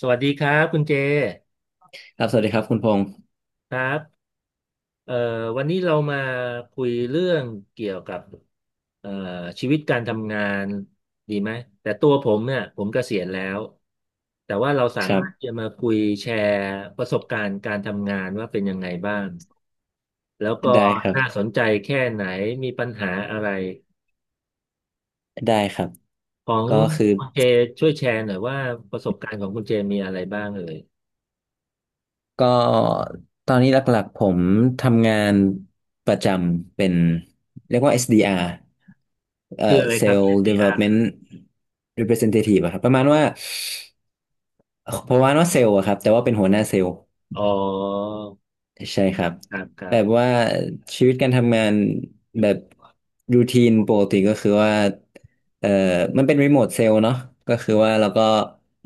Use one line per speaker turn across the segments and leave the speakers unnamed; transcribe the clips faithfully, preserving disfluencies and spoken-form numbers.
สวัสดีครับคุณเจ
ครับสวัสดีครับคุณพงศ์
ครับเอ่อวันนี้เรามาคุยเรื่องเกี่ยวกับเอ่อชีวิตการทำงานดีไหมแต่ตัวผมเนี่ยผมเกษียณแล้วแต่ว่าเราสา
ครั
มา
บ
รถจะมาคุยแชร์ประสบการณ์การทำงานว่าเป็นยังไงบ้างแล้วก็
ได้ครั
น่า
บ
สนใจแค่ไหนมีปัญหาอะไร
ได้ครับ
ของ
ก็คือ
คุณเจช่วยแชร์หน่อยว่าประสบการณ์ของคุณเจมีอะไรบ้างเอ่ย
ก็ตอนนี้หลักๆผมทำงานประจำเป็น เรียกว่า เอส ดี อาร์ เอ่อ
คืออะไรครับ
Sales
เอส ดี อาร์ อสดีอา
Development
ร์
Representative อะครับประมาณว่าประมาณว่าเซลล์อะครับแต่ว่าเป็นหัวหน้าเซลล์
อ๋อ
ใช่ครับ
ครับครั
แบบ
บ
ว่าชีวิตการทำงานแบบรูทีนปกติก็คือว่าเอ่อมันเป็นรีโมทเซลล์เนาะก็คือว่าเราก็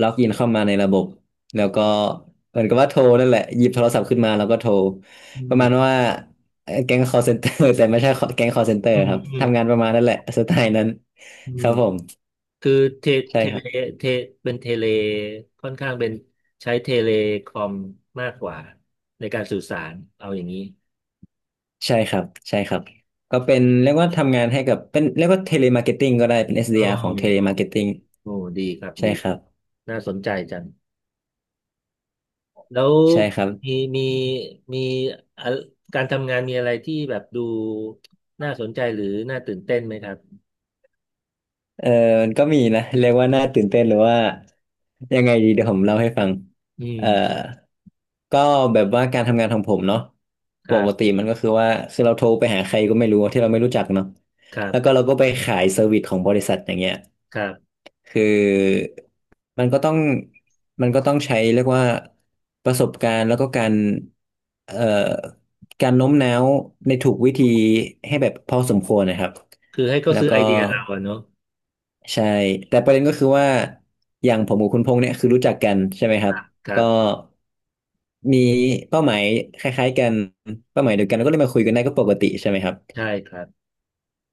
ล็อกอินเข้ามาในระบบแล้วก็เหมือนกับว่าโทรนั่นแหละหยิบโทรศัพท์ขึ้นมาแล้วก็โทร
อื
ประมาณ
ม
ว่าเอ่อแก๊ง call center แต่ไม่ใช่แก๊ง call center
อืม
ครับ
อืม
ทำงานประมาณนั้นแหละสไตล์นั้น
อื
ค
ม
รับผม
คือเท
ใช่
เท
ค
เล
รับ
เทเป็นเทเลค่อนข้างเป็นใช้เทเลคอมมากกว่าในการสื่อสารเอาอย่างนี้
ใช่ครับใช่ครับก็เป็นเรียกว่าทำงานให้กับเป็นเรียกว่าเทเลมาร์เก็ตติ้งก็ได้เป็นเอสดี
อื
อาร r ของเทเลมาร์
ม
เก็ตติ้ง
โอ้ดีครับ
ใช่
ดี
ครับ
น่าสนใจจังแล้ว
ใช่ครับ
มีมีมีอะการทำงานมีอะไรที่แบบดูน่าสนใจหรือน่าตื่นเต้นไหมครับ
เออมันก็มีนะเรียกว่าน่าตื่นเต้นหรือว่ายังไงดีเดี๋ยวผมเล่าให้ฟัง
อื
เอ่อ
ม
ก็แบบว่าการทำงานของผมเนาะ
ค
ป
รั
ก
บ
ติมันก็คือว่าคือเราโทรไปหาใครก็ไม่รู้ที่เราไม่รู้จักเนาะ
ครั
แล้วก็
บ
เราก็ไปขายเซอร์วิสของบริษัทอย่างเงี้ย
ครับ
คือมันก็ต้องมันก็ต้องใช้เรียกว่าประสบการณ์แล้วก็การเอ่อการโน้มน้าวในถูกวิธีให้แบบพอสมควรนะครับ
คือให้เขา
แล้ว
ซื้อ
ก็
ไอเดียเราอะเนาะ
ใช่แต่ประเด็นก็คือว่าอย่างผมกับคุณพงษ์เนี่ยคือรู้จักกันใช่ไหมค
ค
รับ
รับครั
ก็
บ
มีเป้าหมายคล้ายๆกันเป้าหมายเดียวกันก็เลยมาคุยกันได้ก็ปกติใช่ไหมครับ
ใช่ครับ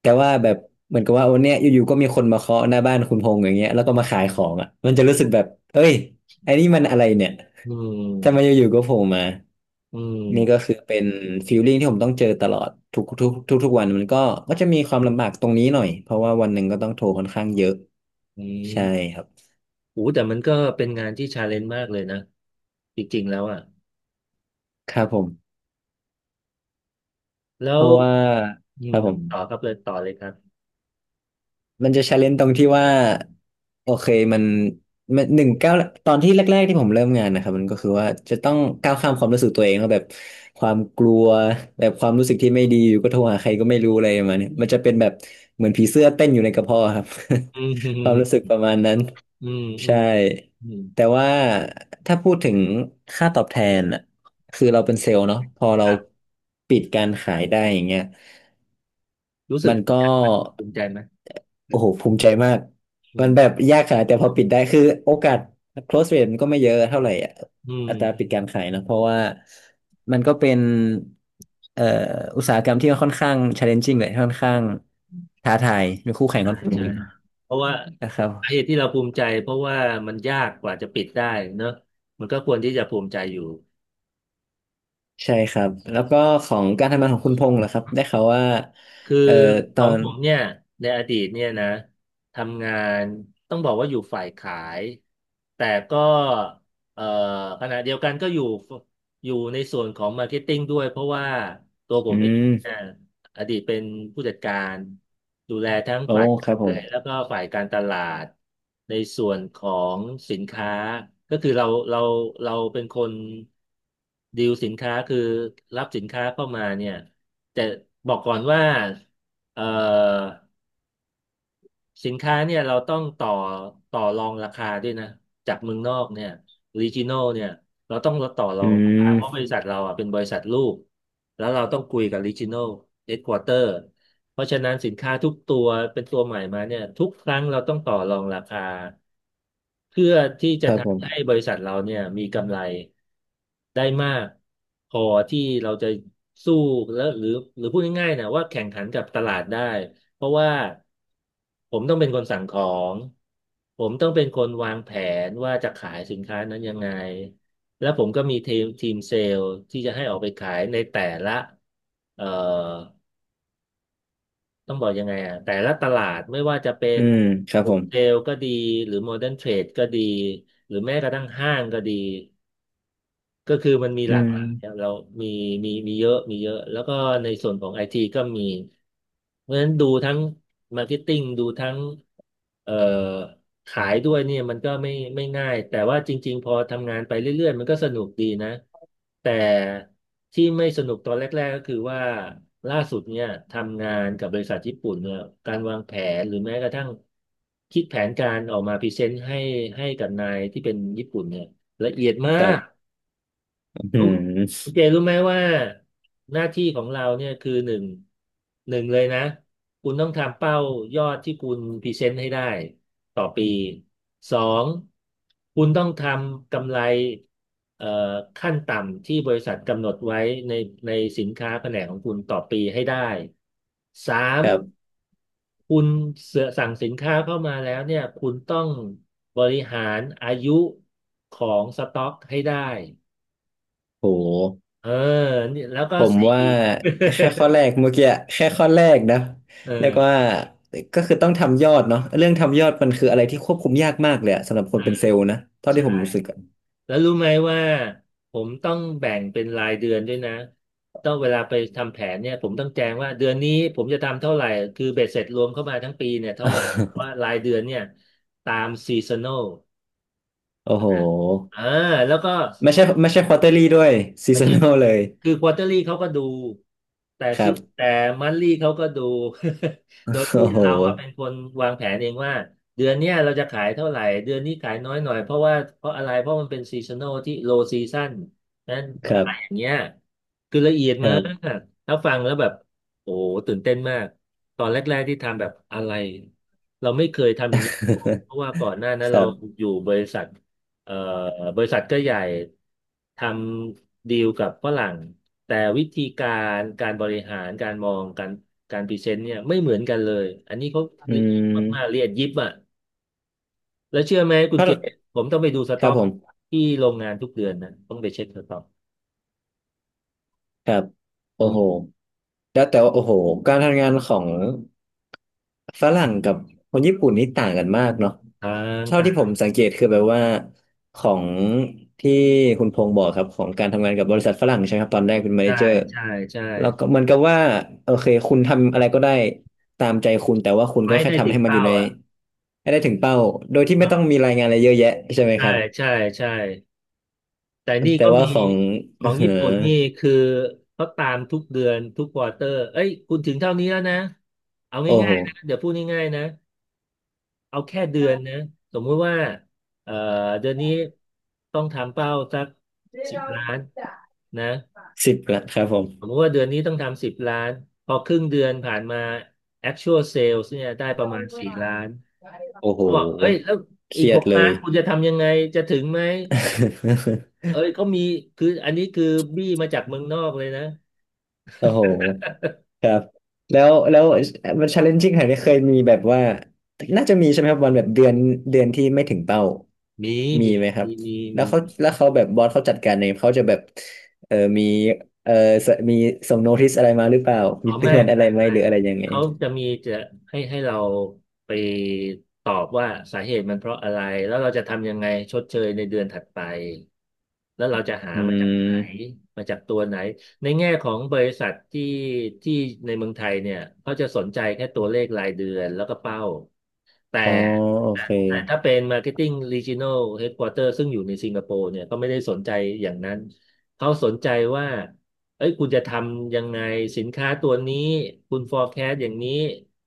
แต่ว่าแบบเหมือนกับว่าโอ้เนี่ยอยู่ๆก็มีคนมาเคาะหน้าบ้านคุณพงษ์อย่างเงี้ยแล้วก็มาขายของอ่ะมันจะรู้สึกแบบเอ้ยไอ้นี่มันอะไรเนี่ย
อื
ทำไมอ
ม
ยู่ๆก็โผล่มา
อื
นี่ก็
ม
คือเป็นฟีลลิ่งที่ผมต้องเจอตลอดทุกทุกทุกทุกวันมันก็ก็จะมีความลำบากตรงนี้หน่อยเพราะว่าวันหนึ่งก็ต้องโทรค่อนข้างเยอะ
อื
ใช่
ม
ครับ
โอ้แต่มันก็เป็นงานที่ชาเลนจ์มากเลยนะจริงๆแล้วอ่ะ
ครับผม
แล้
เพ
ว
ราะว่า
อื
ครั
ม
บผม
ต่อครับเลยต่อเลยครับ
มันจะ challenge ตรงที่ว่าโอเคมันมันหนึ่งก้าวตอนที่แรกๆที่ผมเริ่มงานนะครับมันก็คือว่าจะต้องก้าวข้ามความรู้สึกตัวเองว่าแบบความกลัวแบบความรู้สึกที่ไม่ดีอยู่ก็โทรหาใครก็ไม่รู้อะไรประมาณเนี้ยมันจะเป็นแบบเหมือนผีเสื้อเต้นอยู่ในกระเพาะครับ
อืมอื
ความรู้สึก
ม
ประมาณนั้น
อืมอื
ใช่
มอืม
แต่ว่าถ้าพูดถึงค่าตอบแทนอ่ะคือเราเป็นเซลล์เนาะพอเราปิดการขายได้อย่างเงี้ย
รู้สึ
มั
ก
น
ภูมิ
ก็
ใจภูมิใจไหม
โอ้โหภูมิใจมาก
อื
มันแบบ
ม
ยากขนาดแต่พอปิดได้คือโอกาส close rate มันก็ไม่เยอะเท่าไหร่อะ
อืม
อัตราปิดการขายนะเพราะว่ามันก็เป็นเอ่ออุตสาหกรรมที่ค่อนข้าง challenging เลยค่อนข้างท้าทายมีคู่แข่ง
ใช่
ค่อนข้าง
ใช่
เยอะ
เพราะว่า
นะครับ
สาเหตุที่เราภูมิใจเพราะว่ามันยากกว่าจะปิดได้เนอะมันก็ควรที่จะภูมิใจอยู่
ใช่ครับแล้วก็ของการทำงานของคุณพงษ์เหรอครับได้ข่าวว่า
คือ
เอ่อต
ข
อ
อง
น
ผมเนี่ยในอดีตเนี่ยนะทำงานต้องบอกว่าอยู่ฝ่ายขายแต่ก็เอ่อขณะเดียวกันก็อยู่อยู่ในส่วนของมาร์เก็ตติ้งด้วยเพราะว่าตัวผ
อื
มเองเนี่
ม
ยอดีตเป็นผู้จัดการดูแลทั้ง
โอ้
ฝ่าย
ค
ขา
รับผม
ยแล้วก็ฝ่ายการตลาดในส่วนของสินค้าก็คือเราเราเราเป็นคนดีลสินค้าคือรับสินค้าเข้ามาเนี่ย แต่บอกก่อนว่าเอ่อ สินค้าเนี่ยเราต้องต่อต่อรองราคาด้วยนะจากเมืองนอกเนี่ยรีจิโนเนี่ยเราต้องต่อรอ
อื
งราคาเพราะบ
ม
ริษัทเราอ่ะเป็นบริษัทลูกแล้วเราต้องคุยกับรีจิโนเฮดควอเตอร์เพราะฉะนั้นสินค้าทุกตัวเป็นตัวใหม่มาเนี่ยทุกครั้งเราต้องต่อรองราคาเพื่อที่
ค
จะ
รับผ
ทำให้
ม
บริษัทเราเนี่ยมีกำไรได้มากพอที่เราจะสู้แล้วหรือหรือพูดง่ายๆนะว่าแข่งขันกับตลาดได้ เพราะว่าผมต้องเป็นคนสั่งของ ผมต้องเป็นคนวางแผนว่าจะขายสินค้านั้นยังไง แล้วผมก็มีทีมทีมเซลล์ที่จะให้ออกไปขายในแต่ละเอ่อต้องบอกยังไงอ่ะแต่ละตลาดไม่ว่าจะเป็น
อืมครับ
โฮ
ผม
เทลก็ดีหรือโมเดิร์นเทรดก็ดีหรือแม้กระทั่งห้างก็ดี ก็คือมันมี
อื
หลากหลายอะ
ม
เรามีมีมีเยอะมีเยอะ แล้วก็ในส่วนของไอทีก็มี เพราะฉะนั้นดูทั้งมาร์เก็ตติ้งดูทั้งเอ่อขายด้วยเนี่ยมันก็ไม่ไม่ง่าย แต่ว่าจริงๆพอทำงานไปเรื่อยๆมันก็สนุกดีนะ แต่ที่ไม่สนุกตอนแรกๆก็คือว่าล่าสุดเนี่ยทำงานกับบริษัทญี่ปุ่นเนี่ยการวางแผนหรือแม้กระทั่งคิดแผนการออกมาพรีเซนต์ให้ให้กับนายที่เป็นญี่ปุ่นเนี่ยละเอียดมา
ครั
ก
บ อื
รู้
ม
คุณเจรู้ไหมว่าหน้าที่ของเราเนี่ยคือหนึ่งหนึ่งเลยนะคุณต้องทำเป้ายอดที่คุณพรีเซนต์ให้ได้ต่อปีสองคุณต้องทำกำไรเอ่อขั้นต่ำที่บริษัทกำหนดไว้ในในสินค้าแผนกของคุณต่อปีให้ได้สาม
ครับ
คุณเสสั่งสินค้าเข้ามาแล้วเนี่ยคุณต้องบริหารอายุของสต็อกให้ได้
โห
เออนี่แล้วก็
ผม
สี่
ว่าแค่ข้อแรก เมื่อกี้แค่ข้อแรกนะ
เอ
เรียก
อ
ว่าก็คือต้องทำยอดเนาะเรื่องทำยอดมันคืออะไรที่ควบคุมยากมากเลยอะสำหรับคน
อ่า
เป็นเซลล์นะเท่าที่
ใช่
ผมรู้สึกอะ
แล้วรู้ไหมว่าผมต้องแบ่งเป็นรายเดือนด้วยนะต้องเวลาไปทำแผนเนี่ยผมต้องแจ้งว่าเดือนนี้ผมจะทำเท่าไหร่คือเบ็ดเสร็จรวมเข้ามาทั้งปีเนี่ยเท่าไหร่เพราะว่า รายเดือนเนี่ยตามซีซันอล
โอ้โห
อ่าแล้วก็
ไม่ใช่ไม่ใช่ควอเตอรี่ด้วยซี
ไม่
ซั
ใช่
นอลเลย
คือควอเตอรี่เขาก็ดู แต่
ครั
ซิ
บ
แต่มันลี่เขาก็ดู โดย
โอ้
ที่
โห
เราอ่ะเป็นคนวางแผนเองว่าเดือนเนี้ยเราจะขายเท่าไหร่ เดือนนี้ขายน้อยหน่อยเพราะว่าเพราะอะไร เพราะมันเป็นซีซันอลที่โลซีซั o นนั้น
ค
อะ
รับ
ไรอย่างเงี้ยคือละเอียด
ค
มา
รับ
ก ถ้าฟังแล้วแบบ โอ้โหตื่นเต้นมาก ตอนแรกๆที่ทำแบบอะไร เราไม่เคยทำอย่างนี้ มาก่อนเพราะว่าก่อนหน้านั้
ค
น
รั
เรา
บ
อยู่บริษัท เอ่อบริษัทก็ใหญ่ทำดีลกับฝรั่งแต่วิธีการการบริหารการมองการการพรีเซนต์เนี่ยไม่เหมือนกันเลยอันนี้เขา
อื
ละเอียดมากๆละ
ม
เอียดยิบอ่ะแล้วเชื่อไหมคุณ
ก็
เจผมต้องไปดูส
ค
ต็
รั
อ
บ
ก
ผม
ที่โรงงานทุกเดือนนะต้องไปเช็คสต็อก
ครับ
อื
โอ้โห
ม
แล้วแต่ว่าโอ้โหการทำงานของฝรั่งกับคนญี่ปุ่นนี่ต่างกันมากเนาะ
ทาง
เท่า
ต่า
ที่
ง
ผมสังเกตคือแบบว่าของที่คุณพงษ์บอกครับของการทำงานกับบริษัทฝรั่งใช่ไหมครับตอนแรกเป็นแมเน
ใช่
เจอร์
ใช่ใช่
แล้วก็เหมือนกับว่าโอเคคุณทำอะไรก็ได้ตามใจคุณแต่ว่าคุณก็
ไม่ให้
แค่
ได้
ทำ
ถึง
ให้มันอ
เป้า
ยู่ใน
อ่ะ
ให้ได้ถึงเป้าโดยที่ไม่ต้อง
อ่า
มีรายงานอะไรเยอะแยะใช่ไหมค
ใช่
รับ
ใช่ใช่ แต่นี่
แต่
ก็
ว่า
มี
ของ
ของ
เอ
ญี่
อ
ปุ่นนี่คือเขาตามทุกเดือนทุกควอเตอร์เอ้ยคุณถึงเท่านี้แล้วนะ เอา
โอ้โห
ง่ายๆนะเดี๋ยวพูดง่ายๆนะเอาแค่เดือนนะสมมุติว่าเอ่อเดือนนี้ต้องทำเป้าสักสิบล้านนะ
สิบละครับผ
สมม
ม
ติว่าเดือนนี้ต้องทำสิบล้านพอครึ่งเดือนผ่านมา actual sales เนี่ยได้ประมาณสี่ล้าน
โอ้โห
เขาบอกเอ้ยแล้ว
เค
อีก
รีย
ห
ด
ก
เล
ล้า
ย
นคุณจะทำยังไงจะถึงไหม เอ้ยเขามีคืออันนี้คือบี้มาจากเมืองนอกเลยนะ
โอ้โหครับแล้วแล้วมัน challenging ขนาดนี้เคยมีแบบว่าน่าจะมีใช่ไหมครับวันแบบเดือนเดือนที่ไม่ถึงเป้า
มี
มี
มี
ไหมครับ
มี
แล้ว
มี
เขา
มี
แล้วเขาแบบบอสเขาจัดการเองเขาจะแบบเออมีเออสมีส่งโนติสอะไรมาหรือเปล่า
อ๋อ
มีเตื
ไม่
อนอะไร
ไม่
ไหม
ไม่
หรืออะไรยังไง
เขาจะมีจะให้ให้เราไปตอบว่าสาเหตุมันเพราะอะไรแล้วเราจะทำยังไงชดเชยในเดือนถัดไปแล้วเราจะหา
อื
มาจากไหน
ม
มาจากตัวไหนในแง่ของบริษัทที่ที่ในเมืองไทยเนี่ยเขาจะสนใจแค่ตัวเลขรายเดือนแล้วก็เป้า แต่
อ๋อโอ
แต่
เค
แต่ถ้าเป็น Marketing Regional Headquarter ซึ่งอยู่ในสิงคโปร์เนี่ยเขาไม่ได้สนใจอย่างนั้นเขาสนใจว่าเอ้ยคุณจะทำยังไงสินค้าตัวนี้คุณ forecast อย่างนี้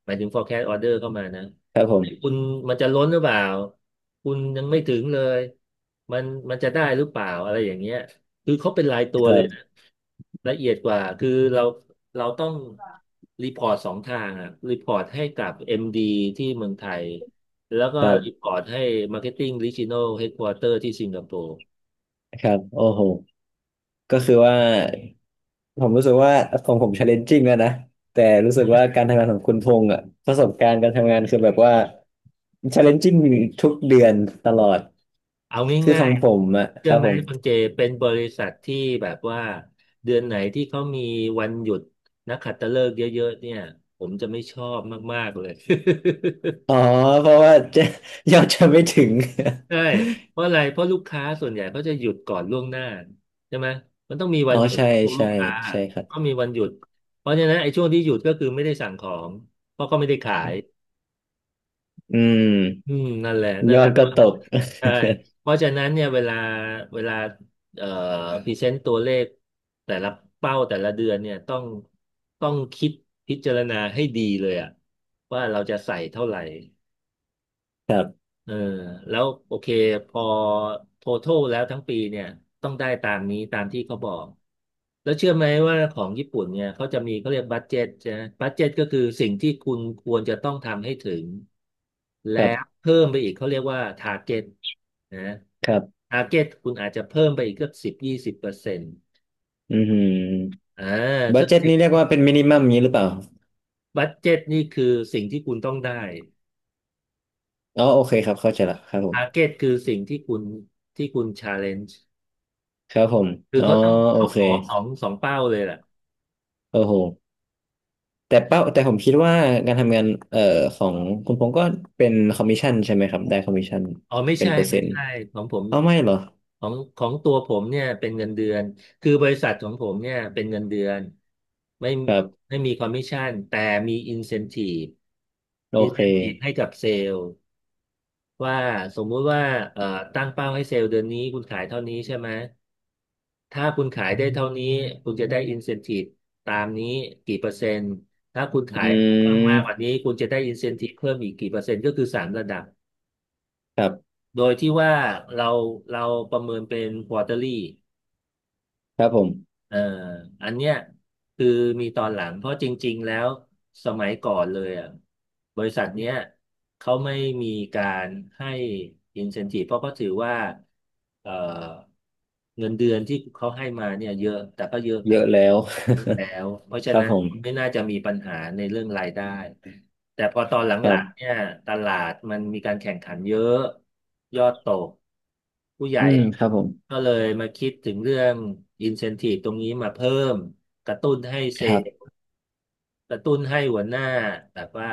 หมายถึง forecast order เข้ามานะ
ครับผ
เอ้ย
ม
คุณมันจะล้นหรือเปล่าคุณยังไม่ถึงเลยมันมันจะได้หรือเปล่าอะไรอย่างเงี้ยคือเขาเป็นรายตัว
ครั
เลยนะ
บ
ละเอียดกว่าคือเรา เราต้องรีพอร์ตสองทางอ่ะรีพอร์ตให้กับ เอ็ม ดี ที่เมืองไทย แล้วก็
ครั
รีพ
บ
อร์ตให้ Marketing Regional Headquarter ที่สิงคโปร์
ครับโอ้โหก็คือว่า ผมรู้สึกว่าของผม challenging แล้วนะแต่รู้สึกว่าการทำงานของคุณพงษ์อ่ะประสบการณ์การทำงานคือแบบว่า challenging ทุกเดือนตลอด
เอา
คือข
ง่า
อ
ย
งผมอ่ะ
ๆ
ค
เชื่อ
รับ
ไหม
ผม
คุณเจเป็นบริษัทที่แบบว่าเดือนไหนที่เขามีวันหยุดนักขัตฤกษ์เยอะๆเนี่ยผมจะไม่ชอบมากๆเลย
อ๋อเพราะว่า จะยอดจะไม่ถึง
ใช่เพราะอะไรเพราะลูกค้าส่วนใหญ่เขาจะหยุดก่อนล่วงหน้าใช่ไหมมันต้องมี
อ๋
วั
อ
นหยุด
ใช่
ของพวกลู
ใช่
กค้า
ใช่ครั
ก็
บ
มีวันหยุดเพราะฉะนั้นไอ้ช่วงที่หยุดก็คือไม่ได้สั่งของเพราะก็ไม่ได้ขาย
อืม
อืมนั่นแหละนั่
ย
น
อ
แหละ
ดก็ตก
ใช่เพ ราะฉะนั้นเนี่ยเวลาเวลาเอ่อพรีเซนต์ตัวเลขแต่ละเป้าแต่ละเดือนเนี่ยต้องต้องคิดพิจารณาให้ดีเลยอะว่าเราจะใส่เท่าไหร่
ครับ
เออแล้วโอเคพอ total แล้วทั้งปีเนี่ยต้องได้ตามนี้ตามที่เขาบอกแล้วเชื่อไหมว่าของญี่ปุ่นเนี่ยเขาจะมีเขาเรียกบัดเจ็ตใช่ไหมบัดเจ็ตก็คือสิ่งที่คุณควรจะต้องทำให้ถึงและ
ครับ
เพิ่มไปอีกเขาเรียกว่าทาร์เก็ตนะ
ครับ
ทาร์เก็ตคุณอาจจะเพิ่มไปอีกเกือบสิบยี่สิบเปอร์เซ็นต์
อือหือ
อ่า
บั
สั
ด
ก
เจ็ต
สิบ
นี่เรียกว่าเป็นมินิมัมนี้หรือเปล่า
บัดเจ็ตนี่คือสิ่งที่คุณต้องได้
อ๋อโอเคครับเข้าใจละครับผม
ทาร์เก็ตคือสิ่งที่คุณที่คุณชาเลนจ์
ครับผม
คือ
อ๋อ
เขาต้อง
โอ
เขา
เค
ขอสองสองเป้าเลยแหละ
โอ้โห แต่เป้าแต่ผมคิดว่าการทำงานเอ่อของคุณพงษ์ก็เป็นคอมมิชชั่นใช่ไหมครับได้คอมมิชชั่น
อ๋อไม่
เป็น
ใช่
เปอร์
ไม่
เซ็นต์
ใช่ของผม
เอาไม่เหรอ
ของของตัวผมเนี่ยเป็นเงินเดือนคือบริษัทของผมเนี่ยเป็นเงินเดือนไม่
ครับ
ไม่มีคอมมิชชั่นแต่มีอินเซน i ี e
โอ
อิน
เค
เซน i ี e ให้กับเซลล์ ว่าสมมุติว่าเอ่อตั้งเป้าให้เซลล์เดือนนี้คุณขายเท่านี้ใช่ไหมถ้าคุณขายได้เท่านี้คุณจะได้อินเซน i ี e ตามนี้กี่เปอร์เซ็นต์ถ้าคุณ
อื
ขายเพิ่มมากกว่า
ม
นี้คุณจะได้อินเซน i ี e เพิ่มอีกกี่เปอร์เซ็นต์ก็คือสามระดับ
ครับ
โดยที่ว่าเราเราประเมินเป็น quarterly
ครับผม
เอออันเนี้ยคือมีตอนหลังเพราะจริงๆแล้วสมัยก่อนเลยอ่ะบริษัทเนี้ยเขาไม่มีการให้ incentive เพราะเขาถือว่าเออเงินเดือนที่เขาให้มาเนี่ยเยอะแต่ก็เยอะค
เย
รับ
อะแล้ว
แล้วเพราะ ฉะ
ครับ
นั้น
ผม
ไม่น่าจะมีปัญหาในเรื่องรายได้ แต่พอตอนหล
ครั
ังๆ
บ
เนี่ยตลาดมันมีการแข่งขันเยอะยอดตกผู้ใหญ่
อืมครับผม
ก็เลยมาคิดถึงเรื่องอินเซน i v e ตรงนี้มาเพิ่มกระตุ้นให้เซล
ครับ
ล์กระตุ้นให้หัวหน้าแบบว่า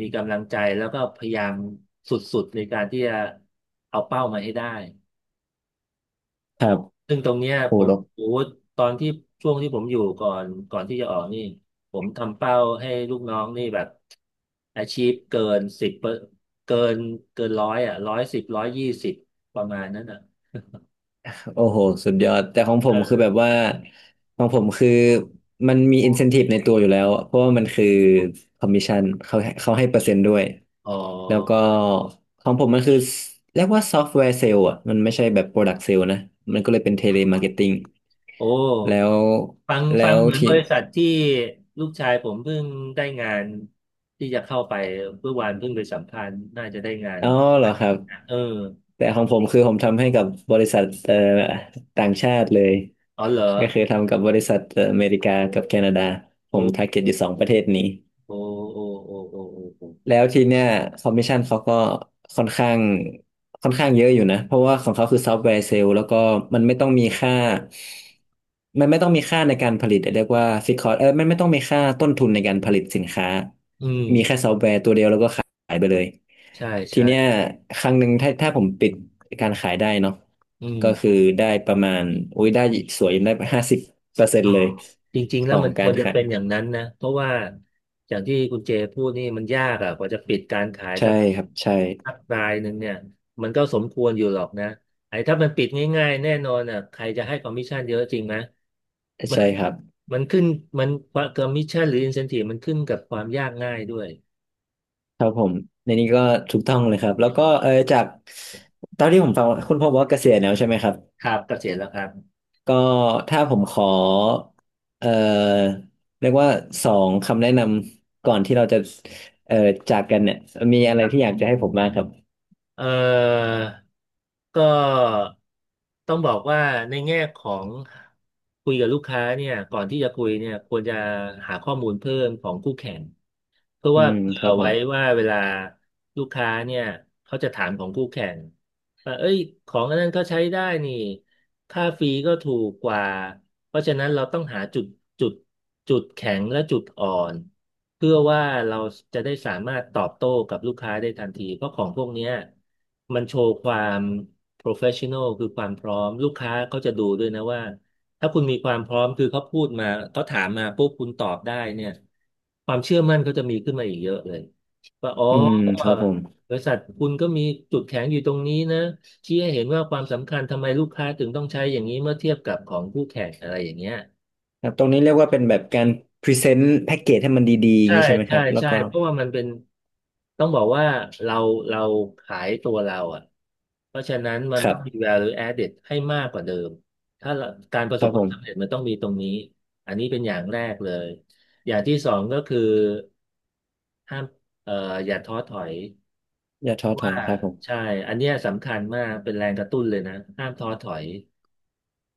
มีกำลังใจแล้วก็พยายามสุดๆในการที่จะเอาเป้ามาให้ได้
ครับ
ซึ่งตรงเนี้ย
โอ้
ผม
โห
โอ้โหตอนที่ช่วงที่ผมอยู่ก่อนก่อนที่จะออกนี่ผมทำเป้าให้ลูกน้องนี่แบบ achieve เกินสิบเกินเกินร้อยอ่ะร้อยสิบร้อยยี่สิบประมาณนั้นอ่ะ
โอ้โหสุดยอดแต่ของผมคือ
เออ
แบบว่าของผมคือมันมี incentive ในตัวอยู่แล้วเพราะว่ามันคือ commission เขาเขาให้เปอร์เซ็นต์ด้วย
อ๋อ
แล้วก็ของผมมันคือเรียกว่าซอฟต์แวร์เซลล์อ่ะมันไม่ใช่แบบ product sale นะมันก็เลยเป็นเทเลมาร์เก็ตติ้ง
โอ
แล้
้
ว
ฟัง
แล้
ฟัง
ว
เหมือน
ที่
บริษัทที่ลูกชายผมเพิ่งได้งานที่จะเข้าไปเมื่อวานเพิ่งไปสัมภาษณ์น่าจะได้งาน
อ๋อเหรอครับ
เออ
แต่ของผมคือผมทำให้กับบริษัทเอ่อต่างชาติเลย
อ๋อเหรอ
ก็คือทำกับบริษัทเอ่ออเมริกากับแคนาดาผม
โอ้
target อยู่สองประเทศนี้
โอ้โอ้โอ้โอ้โอ้โอ้
แล้วทีเนี้ยคอมมิชชั่นเขาก็ค่อนข้างค่อนข้างเยอะอยู่นะเพราะว่าของเขาคือซอฟต์แวร์เซลล์แล้วก็มันไม่ต้องมีค่ามันไม่ต้องมีค่าในการผลิตเรียกว่าฟิกคอสเออมันไม่ต้องมีค่าต้นทุนในการผลิตสินค้า
อื
มีแค่
ม
ซอฟต์แวร์ตัวเดียวแล้วก็ขายไปเลย
ใช่
ที
ใช่
เนี้ยครั้งหนึ่งถ้าถ้าผมปิดการขายได้เนาะ
อืม
ก็คือได้ประมาณอุ้ยได้สวยได้ห้าสิบเปอร์เซ็น
อ๋อ
ต์เลย
จริง
ข
ๆแล้ว
อง
มันค
กา
ว
ร
รจะ
ขาย
เป็นอย่างนั้นนะเพราะว่าอย่างที่คุณเจพูดนี่มันยากอ่ะกว่าจะปิดการขาย
ใช่
สัก
ครับใช่
สักรายหนึ่งเนี่ยมันก็สมควรอยู่หรอกนะไอ้ถ้ามันปิดง่ายๆแน่นอนอ่ะใครจะให้คอมมิชชั่นเยอะจริงไหมมัน
ใช่ครับ
มันขึ้นมันคอมมิชชั่นหรืออินเซนทีฟมันขึ้นกับความยากง่ายด้วย
ครับผมในนี้ก็ถูกต้องเลยครับแล้วก็เออจากตอนที่ผมฟังคุณพ่อบอกว่าเกษียณแล้วใช่ไหมครับ
ครับก็เสร็จแล้วครับ
ก็ถ้าผมขอเออเรียกว่าสองคำแนะนำก่อนที่เราจะเออจากกันเนี่ยมีอะไรที่อยากจะให้ผมบ้างครับ
เอ่อก็ต้องบอกว่าในแง่ของคุยกับลูกค้าเนี่ยก่อนที่จะคุยเนี่ยควรจะหาข้อมูลเพิ่มของคู่แข่ง เพื่อ
อื
ว่า
ม
เผื่
ค
อ
รับผ
ไว้
ม
ว่าเวลาลูกค้าเนี่ยเขาจะถามของคู่แข่งว่าเอ้ยของอันนั้นเขาใช้ได้นี่ค่าฟรีก็ถูกกว่าเพราะฉะนั้นเราต้องหาจุดจุดจุดแข็งและจุดอ่อนเพื่อว่าเราจะได้สามารถตอบโต้กับลูกค้าได้ทันทีเพราะของพวกเนี้ยมันโชว์ความ โปรเฟสชันแนล คือความพร้อมลูกค้าเขาจะดูด้วยนะว่า ถ้าคุณมีความพร้อมคือเขาพูดมาเขาถามมาปุ๊บคุณตอบได้เนี่ยความเชื่อมั่นเขาจะมีขึ้นมาอีกเยอะเลยว่าอ๋อ
อืมครับผม
บริษัทคุณก็มีจุดแข็งอยู่ตรงนี้นะชี้ให้เห็นว่าความสำคัญทำไมลูกค้าถึงต้องใช้อย่างนี้เมื่อเทียบกับของคู่แข่งอะไรอย่างเงี้ย
ครับตรงนี้เรียกว่าเป็นแบบการพรีเซนต์แพ็กเกจให้มันดีๆอย่าง
ใช่
นี้ใช่ไหมค
ใช่
รับแล้ว
ใช่
ก็
เพราะว่ามันเป็นต้องบอกว่าเราเราขายตัวเราอ่ะเพราะฉะนั้นมั
ค
น
รั
ต้องมี
บ
แวลูแอดเด็ด ให้มากกว่าเดิมถ้าเราการประ
ค
สบ
รับ
ค
ผ
วามสำเร็
ม
จมันต้องมีตรงนี้อันนี้เป็นอย่างแรกเลยอย่างที่สองก็คือห้ามเอ่ออย่าท้อถอย
อย่าท้
เพ
อ
ราะ
ถอ
ว่า
ยครับผม
ใช่อันเนี้ยสำคัญมากเป็นแรงกระตุ้นเลยนะห้ามท้อถอย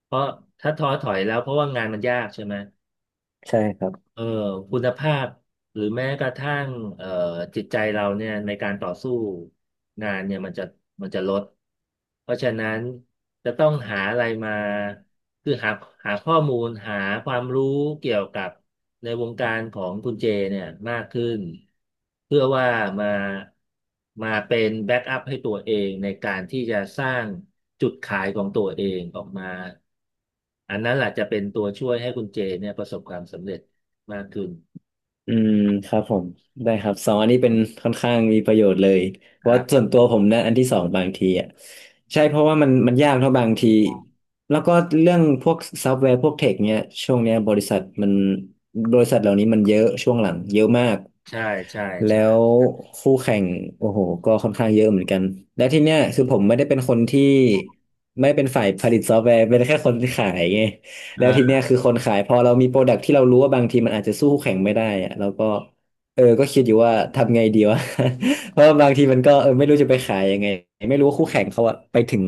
เพราะถ้าท้อถอยแล้วเพราะว่างานมันยากใช่ไหม
ใช่ครับ
เอ่อคุณภาพหรือแม้กระทั่งเอ่อจิตใจเราเนี่ยในการต่อสู้งานเนี่ยมันจะมันจะลดเพราะฉะนั้นจะต้องหาอะไรมาคือหาหาข้อมูลหาความรู้เกี่ยวกับในวงการของคุณเจเนี่ยมากขึ้นเพื่อว่ามามาเป็นแบ็กอัพให้ตัวเองในการที่จะสร้างจุดขายของตัวเองออกมาอันนั้นแหละจะเป็นตัวช่วยให้คุณเจเนี่ยประสบความสำเร็จ มากขึ้น
อืมครับผมได้ครับสองอันนี้เป็นค่อนข้างมีประโยชน์เลยเพ
ครั
ราะส่
บ
วนตัวผมนะอันที่สองบางทีอ่ะใช่เพราะว่ามันมันยากเท่าะบางทีแล้วก็เรื่องพวกซอฟต์แวร์พวกเทคเนี้ยช่วงเนี้ยบริษัทมันบริษัทเหล่านี้มันเยอะช่วงหลังเยอะมาก
ใช่ใช่
แล้
ใช่
วคู่แข่งโอ้โหก็ค่อนข้างเยอะเหมือนกันแล้วที่เนี้ยคือผมไม่ได้เป็นคนที่ไม่ได้เป็นฝ่ายผลิตซอฟต์แวร์เป็นแค่คนขายไง
อ่
แล้วที
า
เนี้ยคือคนขายพอเรามีโปรดักที่เรารู้ว่าบางทีมันอาจจะสู้คู่แข่งไม่ได้อะเราก็เออก็คิดอยู่ว่าทำไงดีวะ เพราะว่าบางทีมันก็เออไม่รู้จะไปขายยังไงไม่รู้ว่าคู่แข่งเขาอะไปถึง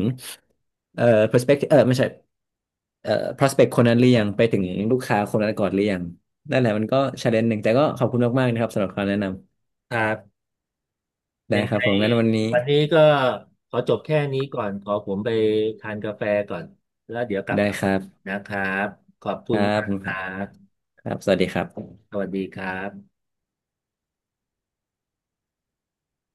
เอ่อ perspective เออไม่ใช่เอ่อ prospect คนนั้นหรือยังไปถึงลูกค้าคนนั้นก่อนหรือยังนั่นแหละมันก็ challenge หนึ่งแต่ก็ขอบคุณมากๆนะครับสำหรับคำแนะนำ
ครับ
ได้
ยัง
ครั
ไง
บผมงั้นวันนี้
วันนี้ก็ขอจบแค่นี้ก่อนขอผมไปทานกาแฟก่อนแล้วเดี๋ยวกลับ
ได้
มา
ค
ใหม่
รับ
นะครับขอบ
ค
คุณ
รับ
มา
ผ
ก
ม
ค
ครั
รั
บ
บ
ครับสวัสดีครับ
สวัสดีครับ